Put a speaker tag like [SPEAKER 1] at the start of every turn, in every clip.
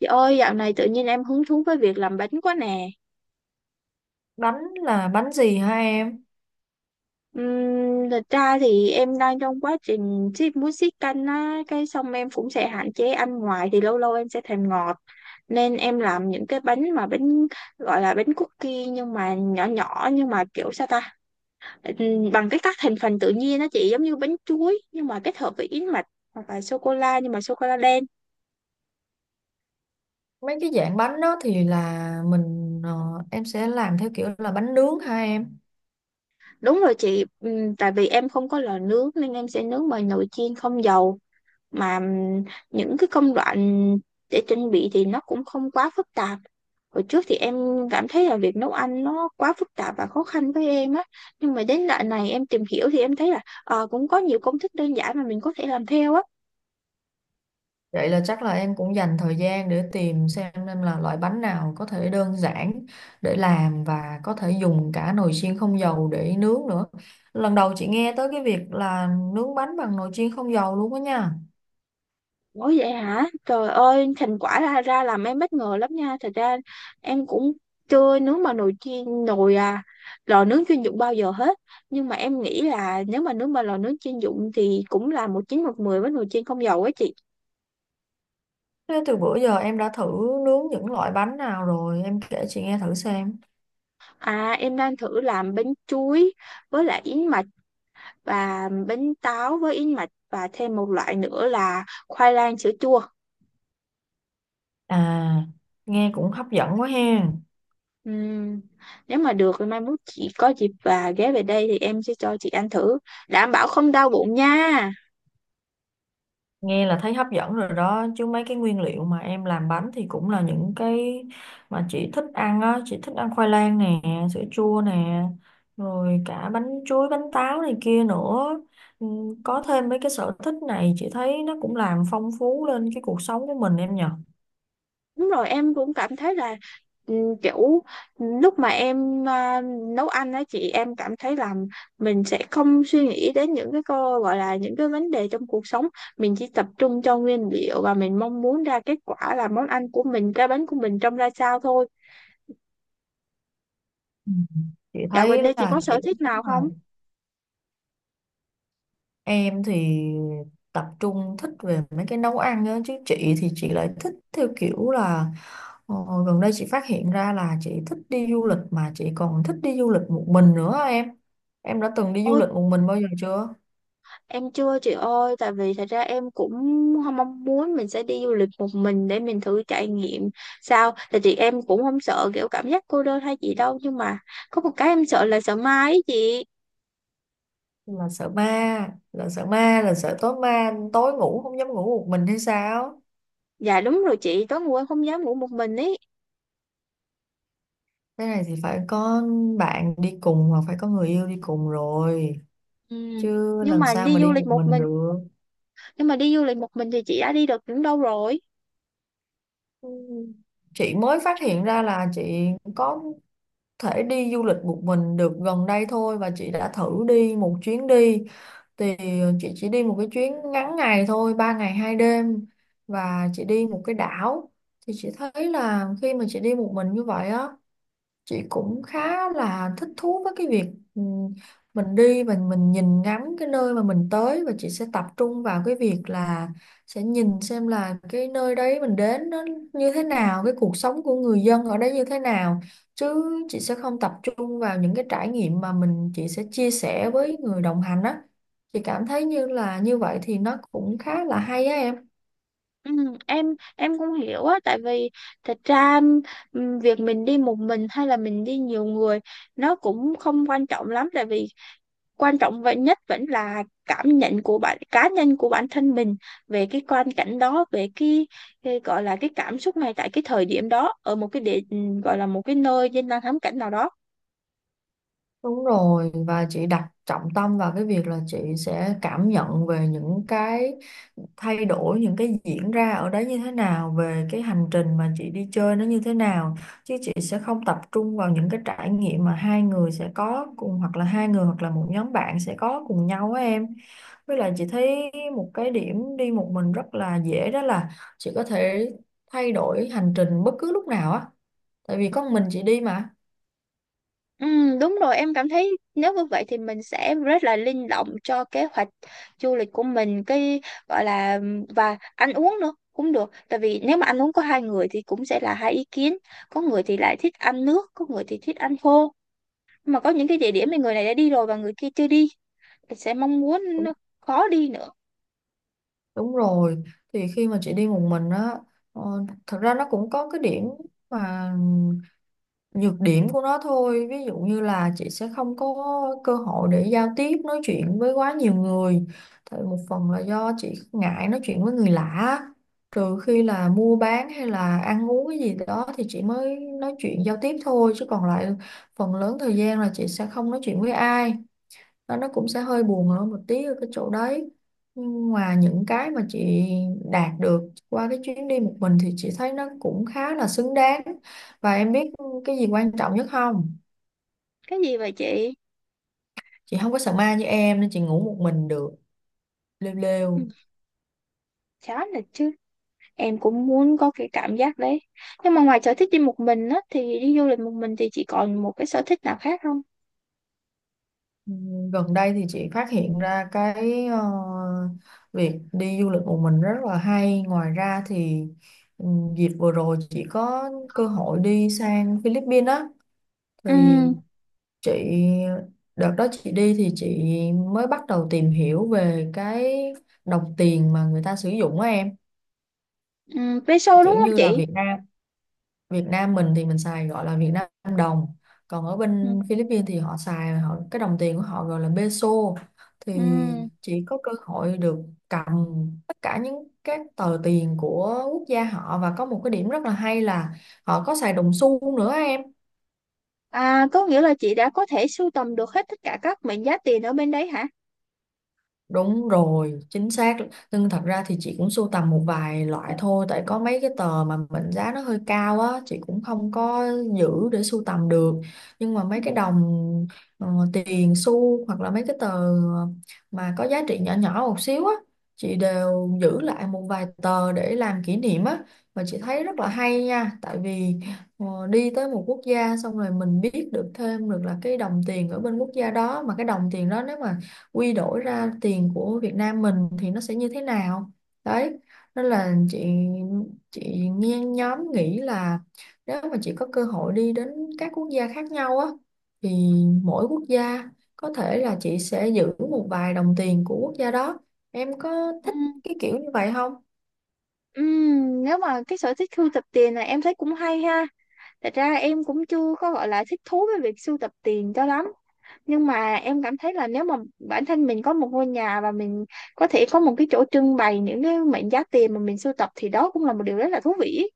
[SPEAKER 1] Chị ơi, dạo này tự nhiên em hứng thú với việc làm bánh quá nè.
[SPEAKER 2] Bánh là bánh gì hả em?
[SPEAKER 1] Thật ra thì em đang trong quá trình ship muối siết canh á, cái xong em cũng sẽ hạn chế ăn ngoài thì lâu lâu em sẽ thèm ngọt. Nên em làm những cái bánh mà bánh gọi là bánh cookie nhưng mà nhỏ nhỏ nhưng mà kiểu sao ta? Ừm, bằng các thành phần tự nhiên á chị, giống như bánh chuối nhưng mà kết hợp với yến mạch hoặc là sô cô la nhưng mà sô cô la đen.
[SPEAKER 2] Mấy cái dạng bánh đó thì là mình, em sẽ làm theo kiểu là bánh nướng hả em?
[SPEAKER 1] Đúng rồi chị. Tại vì em không có lò nướng nên em sẽ nướng bằng nồi chiên không dầu, mà những cái công đoạn để chuẩn bị thì nó cũng không quá phức tạp. Hồi trước thì em cảm thấy là việc nấu ăn nó quá phức tạp và khó khăn với em á, nhưng mà đến đoạn này em tìm hiểu thì em thấy là cũng có nhiều công thức đơn giản mà mình có thể làm theo á.
[SPEAKER 2] Vậy là chắc là em cũng dành thời gian để tìm xem nên là loại bánh nào có thể đơn giản để làm và có thể dùng cả nồi chiên không dầu để nướng nữa. Lần đầu chị nghe tới cái việc là nướng bánh bằng nồi chiên không dầu luôn đó nha.
[SPEAKER 1] Ủa vậy hả? Trời ơi, thành quả ra ra làm em bất ngờ lắm nha. Thật ra em cũng chưa nướng bằng nồi chiên nồi à lò nướng chuyên dụng bao giờ hết. Nhưng mà em nghĩ là nếu mà nướng bằng lò nướng chuyên dụng thì cũng là một chín một mười với nồi chiên không dầu ấy chị.
[SPEAKER 2] Thế từ bữa giờ em đã thử nướng những loại bánh nào rồi em kể chị nghe thử xem.
[SPEAKER 1] À, em đang thử làm bánh chuối với lại yến mạch, và bánh táo với yến mạch, và thêm một loại nữa là khoai lang sữa chua.
[SPEAKER 2] À, nghe cũng hấp dẫn quá ha.
[SPEAKER 1] Ừm, nếu mà được thì mai mốt chị có dịp và ghé về đây thì em sẽ cho chị ăn thử. Đảm bảo không đau bụng nha.
[SPEAKER 2] Nghe là thấy hấp dẫn rồi đó chứ mấy cái nguyên liệu mà em làm bánh thì cũng là những cái mà chị thích ăn á, chị thích ăn khoai lang nè, sữa chua nè, rồi cả bánh chuối bánh táo này kia nữa. Ừ, có thêm mấy cái sở thích này chị thấy nó cũng làm phong phú lên cái cuộc sống của mình em nhờ.
[SPEAKER 1] Đúng rồi, em cũng cảm thấy là, ừ, kiểu lúc mà nấu ăn á chị, em cảm thấy là mình sẽ không suy nghĩ đến những cái cô gọi là những cái vấn đề trong cuộc sống, mình chỉ tập trung cho nguyên liệu và mình mong muốn ra kết quả là món ăn của mình, cái bánh của mình trông ra sao thôi.
[SPEAKER 2] Ừ. Chị
[SPEAKER 1] Dạo gần
[SPEAKER 2] thấy
[SPEAKER 1] đây chị có
[SPEAKER 2] là kiểu.
[SPEAKER 1] sở thích nào không?
[SPEAKER 2] Em thì tập trung thích về mấy cái nấu ăn á, chứ chị thì chị lại thích theo kiểu là ờ, gần đây chị phát hiện ra là chị thích đi du lịch, mà chị còn thích đi du lịch một mình nữa á em. Em đã từng đi du
[SPEAKER 1] Ôi,
[SPEAKER 2] lịch một mình bao giờ chưa?
[SPEAKER 1] em chưa chị ơi, tại vì thật ra em cũng không mong muốn mình sẽ đi du lịch một mình để mình thử trải nghiệm sao. Tại chị em cũng không sợ kiểu cảm giác cô đơn hay gì đâu, nhưng mà có một cái em sợ là sợ ma ấy chị.
[SPEAKER 2] Là sợ ma, là sợ ma, là sợ tối ma, tối ngủ không dám ngủ một mình hay sao?
[SPEAKER 1] Dạ đúng rồi chị, tối ngủ em không dám ngủ một mình ấy.
[SPEAKER 2] Thế này thì phải có bạn đi cùng hoặc phải có người yêu đi cùng rồi,
[SPEAKER 1] Ừ.
[SPEAKER 2] chứ
[SPEAKER 1] Nhưng
[SPEAKER 2] làm
[SPEAKER 1] mà
[SPEAKER 2] sao
[SPEAKER 1] đi
[SPEAKER 2] mà
[SPEAKER 1] du
[SPEAKER 2] đi
[SPEAKER 1] lịch
[SPEAKER 2] một
[SPEAKER 1] một
[SPEAKER 2] mình
[SPEAKER 1] mình,
[SPEAKER 2] được.
[SPEAKER 1] nhưng mà đi du lịch một mình thì chị đã đi được những đâu rồi?
[SPEAKER 2] Ừ. Chị mới phát hiện ra là chị có thể đi du lịch một mình được gần đây thôi, và chị đã thử đi một chuyến đi thì chị chỉ đi một cái chuyến ngắn ngày thôi, 3 ngày 2 đêm, và chị đi một cái đảo. Thì chị thấy là khi mà chị đi một mình như vậy á, chị cũng khá là thích thú với cái việc ừ, mình đi và mình nhìn ngắm cái nơi mà mình tới, và chị sẽ tập trung vào cái việc là sẽ nhìn xem là cái nơi đấy mình đến nó như thế nào, cái cuộc sống của người dân ở đấy như thế nào, chứ chị sẽ không tập trung vào những cái trải nghiệm mà mình chị sẽ chia sẻ với người đồng hành á. Chị cảm thấy như là như vậy thì nó cũng khá là hay á em.
[SPEAKER 1] Ừ, em cũng hiểu á, tại vì thật ra, việc mình đi một mình hay là mình đi nhiều người nó cũng không quan trọng lắm, tại vì quan trọng vậy nhất vẫn là cảm nhận của bạn cá nhân của bản thân mình về cái quan cảnh đó, về cái gọi là cái cảm xúc này tại cái thời điểm đó, ở một cái gọi là một cái nơi danh lam thắng cảnh nào đó.
[SPEAKER 2] Đúng rồi, và chị đặt trọng tâm vào cái việc là chị sẽ cảm nhận về những cái thay đổi, những cái diễn ra ở đấy như thế nào, về cái hành trình mà chị đi chơi nó như thế nào. Chứ chị sẽ không tập trung vào những cái trải nghiệm mà hai người sẽ có cùng, hoặc là hai người hoặc là một nhóm bạn sẽ có cùng nhau á em. Với lại chị thấy một cái điểm đi một mình rất là dễ đó là chị có thể thay đổi hành trình bất cứ lúc nào á. Tại vì có một mình chị đi mà.
[SPEAKER 1] Đúng rồi, em cảm thấy nếu như vậy thì mình sẽ rất là linh động cho kế hoạch du lịch của mình, cái gọi là, và ăn uống nữa cũng được, tại vì nếu mà ăn uống có hai người thì cũng sẽ là hai ý kiến. Có người thì lại thích ăn nước, có người thì thích ăn khô, mà có những cái địa điểm mà người này đã đi rồi và người kia chưa đi, mình sẽ mong muốn nó khó đi nữa.
[SPEAKER 2] Đúng rồi, thì khi mà chị đi một mình á, thật ra nó cũng có cái điểm, mà nhược điểm của nó thôi. Ví dụ như là chị sẽ không có cơ hội để giao tiếp, nói chuyện với quá nhiều người. Thì một phần là do chị ngại nói chuyện với người lạ. Trừ khi là mua bán hay là ăn uống cái gì đó thì chị mới nói chuyện giao tiếp thôi. Chứ còn lại phần lớn thời gian là chị sẽ không nói chuyện với ai, đó nó cũng sẽ hơi buồn hơn một tí ở cái chỗ đấy. Nhưng ngoài những cái mà chị đạt được qua cái chuyến đi một mình thì chị thấy nó cũng khá là xứng đáng. Và em biết cái gì quan trọng nhất không?
[SPEAKER 1] Cái gì vậy chị?
[SPEAKER 2] Chị không có sợ ma như em nên chị ngủ một mình được. Lêu
[SPEAKER 1] Ừ,
[SPEAKER 2] lêu.
[SPEAKER 1] chán là chứ. Em cũng muốn có cái cảm giác đấy. Nhưng mà ngoài sở thích đi một mình á, thì đi du lịch một mình thì chị còn một cái sở thích nào khác không?
[SPEAKER 2] Gần đây thì chị phát hiện ra cái việc đi du lịch một mình rất là hay, ngoài ra thì dịp vừa rồi chị có cơ hội đi sang Philippines á.
[SPEAKER 1] Ừ,
[SPEAKER 2] Thì chị đợt đó chị đi thì chị mới bắt đầu tìm hiểu về cái đồng tiền mà người ta sử dụng á em.
[SPEAKER 1] ừ, vé đúng
[SPEAKER 2] Kiểu
[SPEAKER 1] không
[SPEAKER 2] như là
[SPEAKER 1] chị?
[SPEAKER 2] Việt Nam mình thì mình xài gọi là Việt Nam đồng, còn ở
[SPEAKER 1] Ừ,
[SPEAKER 2] bên Philippines thì cái đồng tiền của họ gọi là peso. Thì
[SPEAKER 1] ừ.
[SPEAKER 2] chị có cơ hội được cầm tất cả những các tờ tiền của quốc gia họ, và có một cái điểm rất là hay là họ có xài đồng xu nữa em.
[SPEAKER 1] À, có nghĩa là chị đã có thể sưu tầm được hết tất cả các mệnh giá tiền ở bên đấy hả?
[SPEAKER 2] Đúng rồi, chính xác. Nhưng thật ra thì chị cũng sưu tầm một vài loại thôi, tại có mấy cái tờ mà mệnh giá nó hơi cao á, chị cũng không có giữ để sưu tầm được. Nhưng mà
[SPEAKER 1] Ừ.
[SPEAKER 2] mấy cái đồng ờ, tiền xu hoặc là mấy cái tờ mà có giá trị nhỏ nhỏ một xíu á, chị đều giữ lại một vài tờ để làm kỷ niệm á. Và chị thấy rất là hay nha, tại vì đi tới một quốc gia xong rồi mình biết được thêm được là cái đồng tiền ở bên quốc gia đó, mà cái đồng tiền đó nếu mà quy đổi ra tiền của Việt Nam mình thì nó sẽ như thế nào đấy. Nên là chị nghe nhóm nghĩ là nếu mà chị có cơ hội đi đến các quốc gia khác nhau á thì mỗi quốc gia có thể là chị sẽ giữ một vài đồng tiền của quốc gia đó. Em có
[SPEAKER 1] Ừ.
[SPEAKER 2] thích cái kiểu như vậy không?
[SPEAKER 1] Ừ, nếu mà cái sở thích sưu tập tiền này em thấy cũng hay ha. Thật ra em cũng chưa có gọi là thích thú với việc sưu tập tiền cho lắm, nhưng mà em cảm thấy là nếu mà bản thân mình có một ngôi nhà và mình có thể có một cái chỗ trưng bày những cái mệnh giá tiền mà mình sưu tập thì đó cũng là một điều rất là thú vị ấy.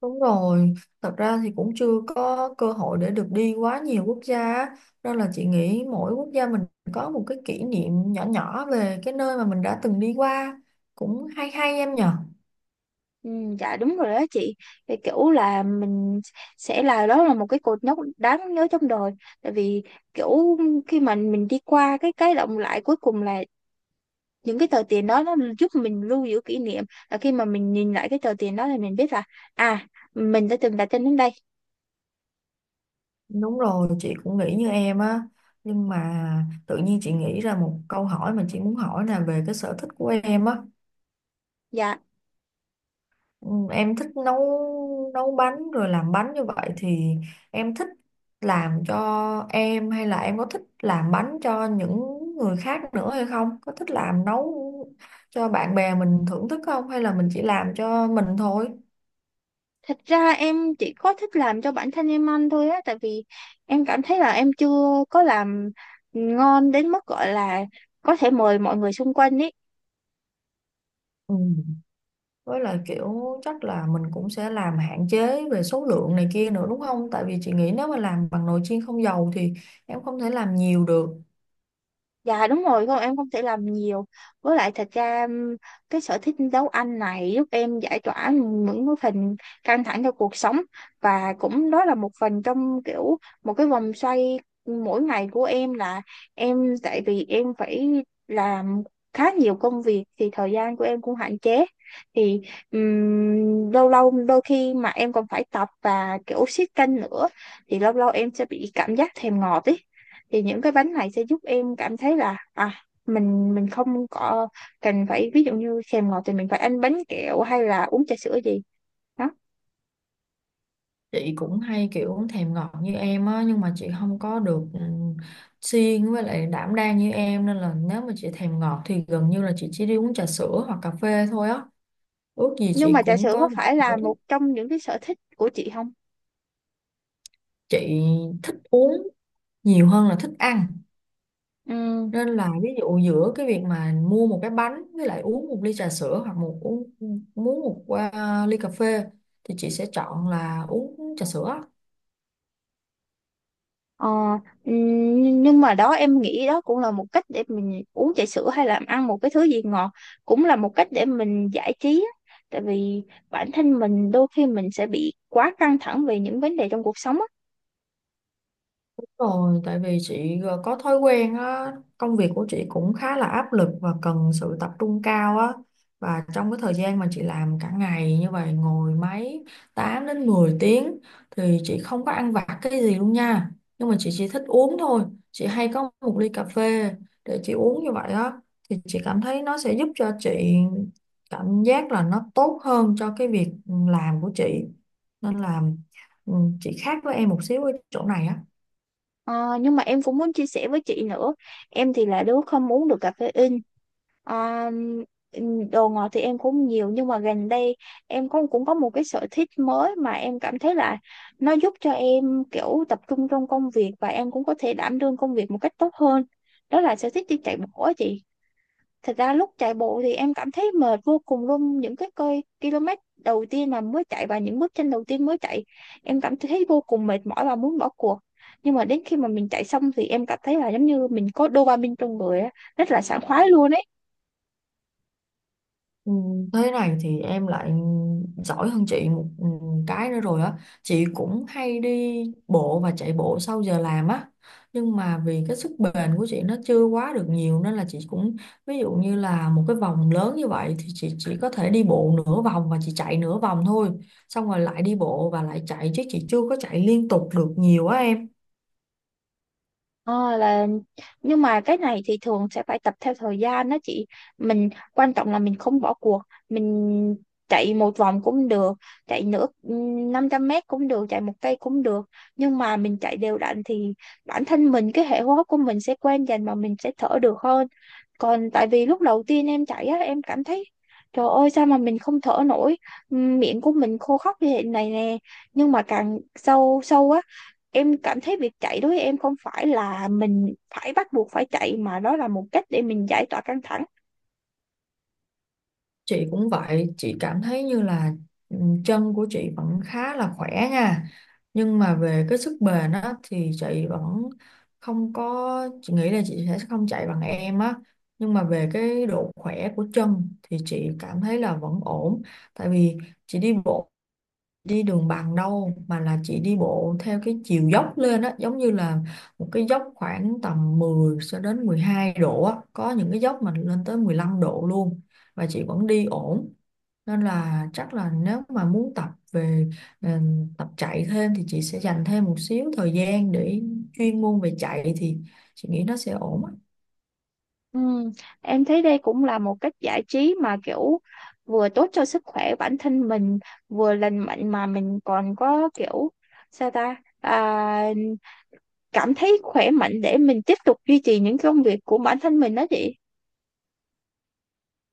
[SPEAKER 2] Đúng rồi, thật ra thì cũng chưa có cơ hội để được đi quá nhiều quốc gia á. Nên là chị nghĩ mỗi quốc gia mình có một cái kỷ niệm nhỏ nhỏ về cái nơi mà mình đã từng đi qua, cũng hay hay em nhở.
[SPEAKER 1] Ừ, dạ đúng rồi đó chị, thì kiểu là mình sẽ là đó là một cái cột mốc đáng nhớ trong đời, tại vì kiểu khi mà mình đi qua cái động lại cuối cùng là những cái tờ tiền đó nó giúp mình lưu giữ kỷ niệm, là khi mà mình nhìn lại cái tờ tiền đó thì mình biết là à, mình đã từng đặt chân đến đây.
[SPEAKER 2] Đúng rồi, chị cũng nghĩ như em á, nhưng mà tự nhiên chị nghĩ ra một câu hỏi mà chị muốn hỏi là về cái sở thích của em á.
[SPEAKER 1] Dạ.
[SPEAKER 2] Ừ, em thích nấu nấu bánh rồi làm bánh như vậy thì em thích làm cho em hay là em có thích làm bánh cho những người khác nữa hay không? Có thích làm nấu cho bạn bè mình thưởng thức không hay là mình chỉ làm cho mình thôi?
[SPEAKER 1] Thật ra em chỉ có thích làm cho bản thân em ăn thôi á, tại vì em cảm thấy là em chưa có làm ngon đến mức gọi là có thể mời mọi người xung quanh ý.
[SPEAKER 2] Ừ. Với lại kiểu, chắc là mình cũng sẽ làm hạn chế về số lượng này kia nữa đúng không? Tại vì chị nghĩ nếu mà làm bằng nồi chiên không dầu thì em không thể làm nhiều được.
[SPEAKER 1] Dạ đúng rồi, con em không thể làm nhiều. Với lại thật ra, cái sở thích nấu ăn này giúp em giải tỏa những cái phần căng thẳng trong cuộc sống, và cũng đó là một phần trong kiểu một cái vòng xoay mỗi ngày của em, là em tại vì em phải làm khá nhiều công việc thì thời gian của em cũng hạn chế. Thì lâu lâu đôi khi mà em còn phải tập và kiểu siết canh nữa, thì lâu lâu em sẽ bị cảm giác thèm ngọt ý, thì những cái bánh này sẽ giúp em cảm thấy là à, mình không có cần, phải ví dụ như thèm ngọt thì mình phải ăn bánh kẹo hay là uống trà sữa gì đó.
[SPEAKER 2] Chị cũng hay kiểu thèm ngọt như em á, nhưng mà chị không có được siêng với lại đảm đang như em, nên là nếu mà chị thèm ngọt thì gần như là chị chỉ đi uống trà sữa hoặc cà phê thôi á. Ước gì
[SPEAKER 1] Nhưng
[SPEAKER 2] chị
[SPEAKER 1] mà trà
[SPEAKER 2] cũng
[SPEAKER 1] sữa có
[SPEAKER 2] có một cái
[SPEAKER 1] phải là
[SPEAKER 2] sở thích.
[SPEAKER 1] một trong những cái sở thích của chị không?
[SPEAKER 2] Chị thích uống nhiều hơn là thích ăn,
[SPEAKER 1] Ừ.
[SPEAKER 2] nên là ví dụ giữa cái việc mà mua một cái bánh với lại uống một ly trà sữa hoặc một uống muốn một à, ly cà phê, thì chị sẽ chọn là uống trà sữa.
[SPEAKER 1] Ờ, ừ, nhưng mà đó em nghĩ đó cũng là một cách để mình uống trà sữa hay là ăn một cái thứ gì ngọt, cũng là một cách để mình giải trí á. Tại vì bản thân mình đôi khi mình sẽ bị quá căng thẳng về những vấn đề trong cuộc sống.
[SPEAKER 2] Rồi, tại vì chị có thói quen á, công việc của chị cũng khá là áp lực và cần sự tập trung cao á. Và trong cái thời gian mà chị làm cả ngày như vậy, ngồi máy 8 đến 10 tiếng, thì chị không có ăn vặt cái gì luôn nha. Nhưng mà chị chỉ thích uống thôi. Chị hay có một ly cà phê để chị uống như vậy á. Thì chị cảm thấy nó sẽ giúp cho chị cảm giác là nó tốt hơn cho cái việc làm của chị. Nên là ừ, chị khác với em một xíu ở chỗ này á.
[SPEAKER 1] Ờ, nhưng mà em cũng muốn chia sẻ với chị nữa. Em thì là đứa không uống được caffeine. Ờ, đồ ngọt thì em cũng nhiều nhưng mà gần đây em cũng cũng có một cái sở thích mới mà em cảm thấy là nó giúp cho em kiểu tập trung trong công việc, và em cũng có thể đảm đương công việc một cách tốt hơn, đó là sở thích đi chạy bộ á chị. Thật ra lúc chạy bộ thì em cảm thấy mệt vô cùng luôn, những cái km đầu tiên mà mới chạy và những bước chân đầu tiên mới chạy em cảm thấy vô cùng mệt mỏi và muốn bỏ cuộc, nhưng mà đến khi mà mình chạy xong thì em cảm thấy là giống như mình có dopamine trong người á, rất là sảng khoái luôn ấy.
[SPEAKER 2] Ừ, thế này thì em lại giỏi hơn chị một cái nữa rồi á. Chị cũng hay đi bộ và chạy bộ sau giờ làm á, nhưng mà vì cái sức bền của chị nó chưa quá được nhiều nên là chị cũng, ví dụ như là một cái vòng lớn như vậy thì chị chỉ có thể đi bộ nửa vòng và chị chạy nửa vòng thôi, xong rồi lại đi bộ và lại chạy chứ chị chưa có chạy liên tục được nhiều á em.
[SPEAKER 1] Ờ, nhưng mà cái này thì thường sẽ phải tập theo thời gian đó chị. Mình quan trọng là mình không bỏ cuộc, mình chạy một vòng cũng được, chạy nửa 500 m cũng được, chạy một cây cũng được, nhưng mà mình chạy đều đặn thì bản thân mình cái hệ hô hấp của mình sẽ quen dần và mình sẽ thở được hơn. Còn tại vì lúc đầu tiên em chạy á em cảm thấy, trời ơi sao mà mình không thở nổi, miệng của mình khô khóc như thế này nè, nhưng mà càng sâu sâu á em cảm thấy việc chạy đối với em không phải là mình phải bắt buộc phải chạy, mà đó là một cách để mình giải tỏa căng thẳng.
[SPEAKER 2] Chị cũng vậy, chị cảm thấy như là ừ, chân của chị vẫn khá là khỏe nha. Nhưng mà về cái sức bền á thì chị vẫn không có, chị nghĩ là chị sẽ không chạy bằng em á. Nhưng mà về cái độ khỏe của chân thì chị cảm thấy là vẫn ổn. Tại vì chị đi bộ đi đường bằng đâu mà là chị đi bộ theo cái chiều dốc lên á, giống như là một cái dốc khoảng tầm 10 cho đến 12 độ á, có những cái dốc mà lên tới 15 độ luôn, và chị vẫn đi ổn. Nên là chắc là nếu mà muốn tập về ờ, tập chạy thêm thì chị sẽ dành thêm một xíu thời gian để chuyên môn về chạy, thì chị nghĩ nó sẽ ổn á.
[SPEAKER 1] Ừm, em thấy đây cũng là một cách giải trí mà kiểu vừa tốt cho sức khỏe bản thân mình, vừa lành mạnh, mà mình còn có kiểu, sao ta, cảm thấy khỏe mạnh để mình tiếp tục duy trì những công việc của bản thân mình đó chị.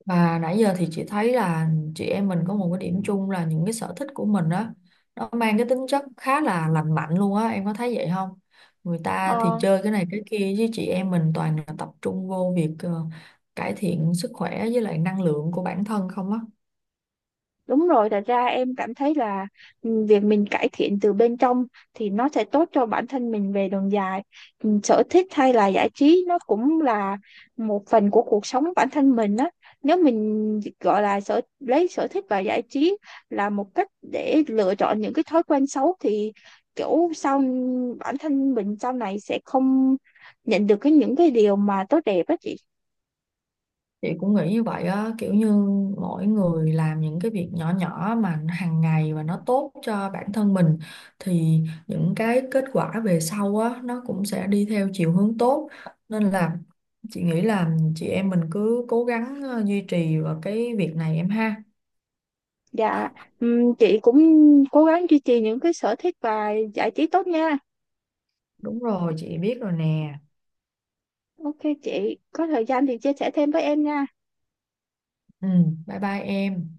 [SPEAKER 2] Và nãy giờ thì chị thấy là chị em mình có một cái điểm chung là những cái sở thích của mình á, nó mang cái tính chất khá là lành mạnh luôn á, em có thấy vậy không? Người ta thì
[SPEAKER 1] Ờ,
[SPEAKER 2] chơi cái này cái kia chứ chị em mình toàn là tập trung vô việc cải thiện sức khỏe với lại năng lượng của bản thân không á.
[SPEAKER 1] đúng rồi, thật ra em cảm thấy là, việc mình cải thiện từ bên trong thì nó sẽ tốt cho bản thân mình về đường dài. Ừ, sở thích hay là giải trí nó cũng là một phần của cuộc sống bản thân mình á. Nếu mình gọi là lấy sở thích và giải trí là một cách để lựa chọn những cái thói quen xấu thì kiểu sau bản thân mình sau này sẽ không nhận được những cái điều mà tốt đẹp á chị.
[SPEAKER 2] Chị cũng nghĩ như vậy á, kiểu như mỗi người làm những cái việc nhỏ nhỏ mà hàng ngày và nó tốt cho bản thân mình, thì những cái kết quả về sau á nó cũng sẽ đi theo chiều hướng tốt. Nên là chị nghĩ là chị em mình cứ cố gắng duy trì vào cái việc này em ha.
[SPEAKER 1] Dạ, chị cũng cố gắng duy trì những cái sở thích và giải trí tốt nha.
[SPEAKER 2] Đúng rồi, chị biết rồi nè.
[SPEAKER 1] Ok chị, có thời gian thì chia sẻ thêm với em nha.
[SPEAKER 2] Ừ, bye bye em.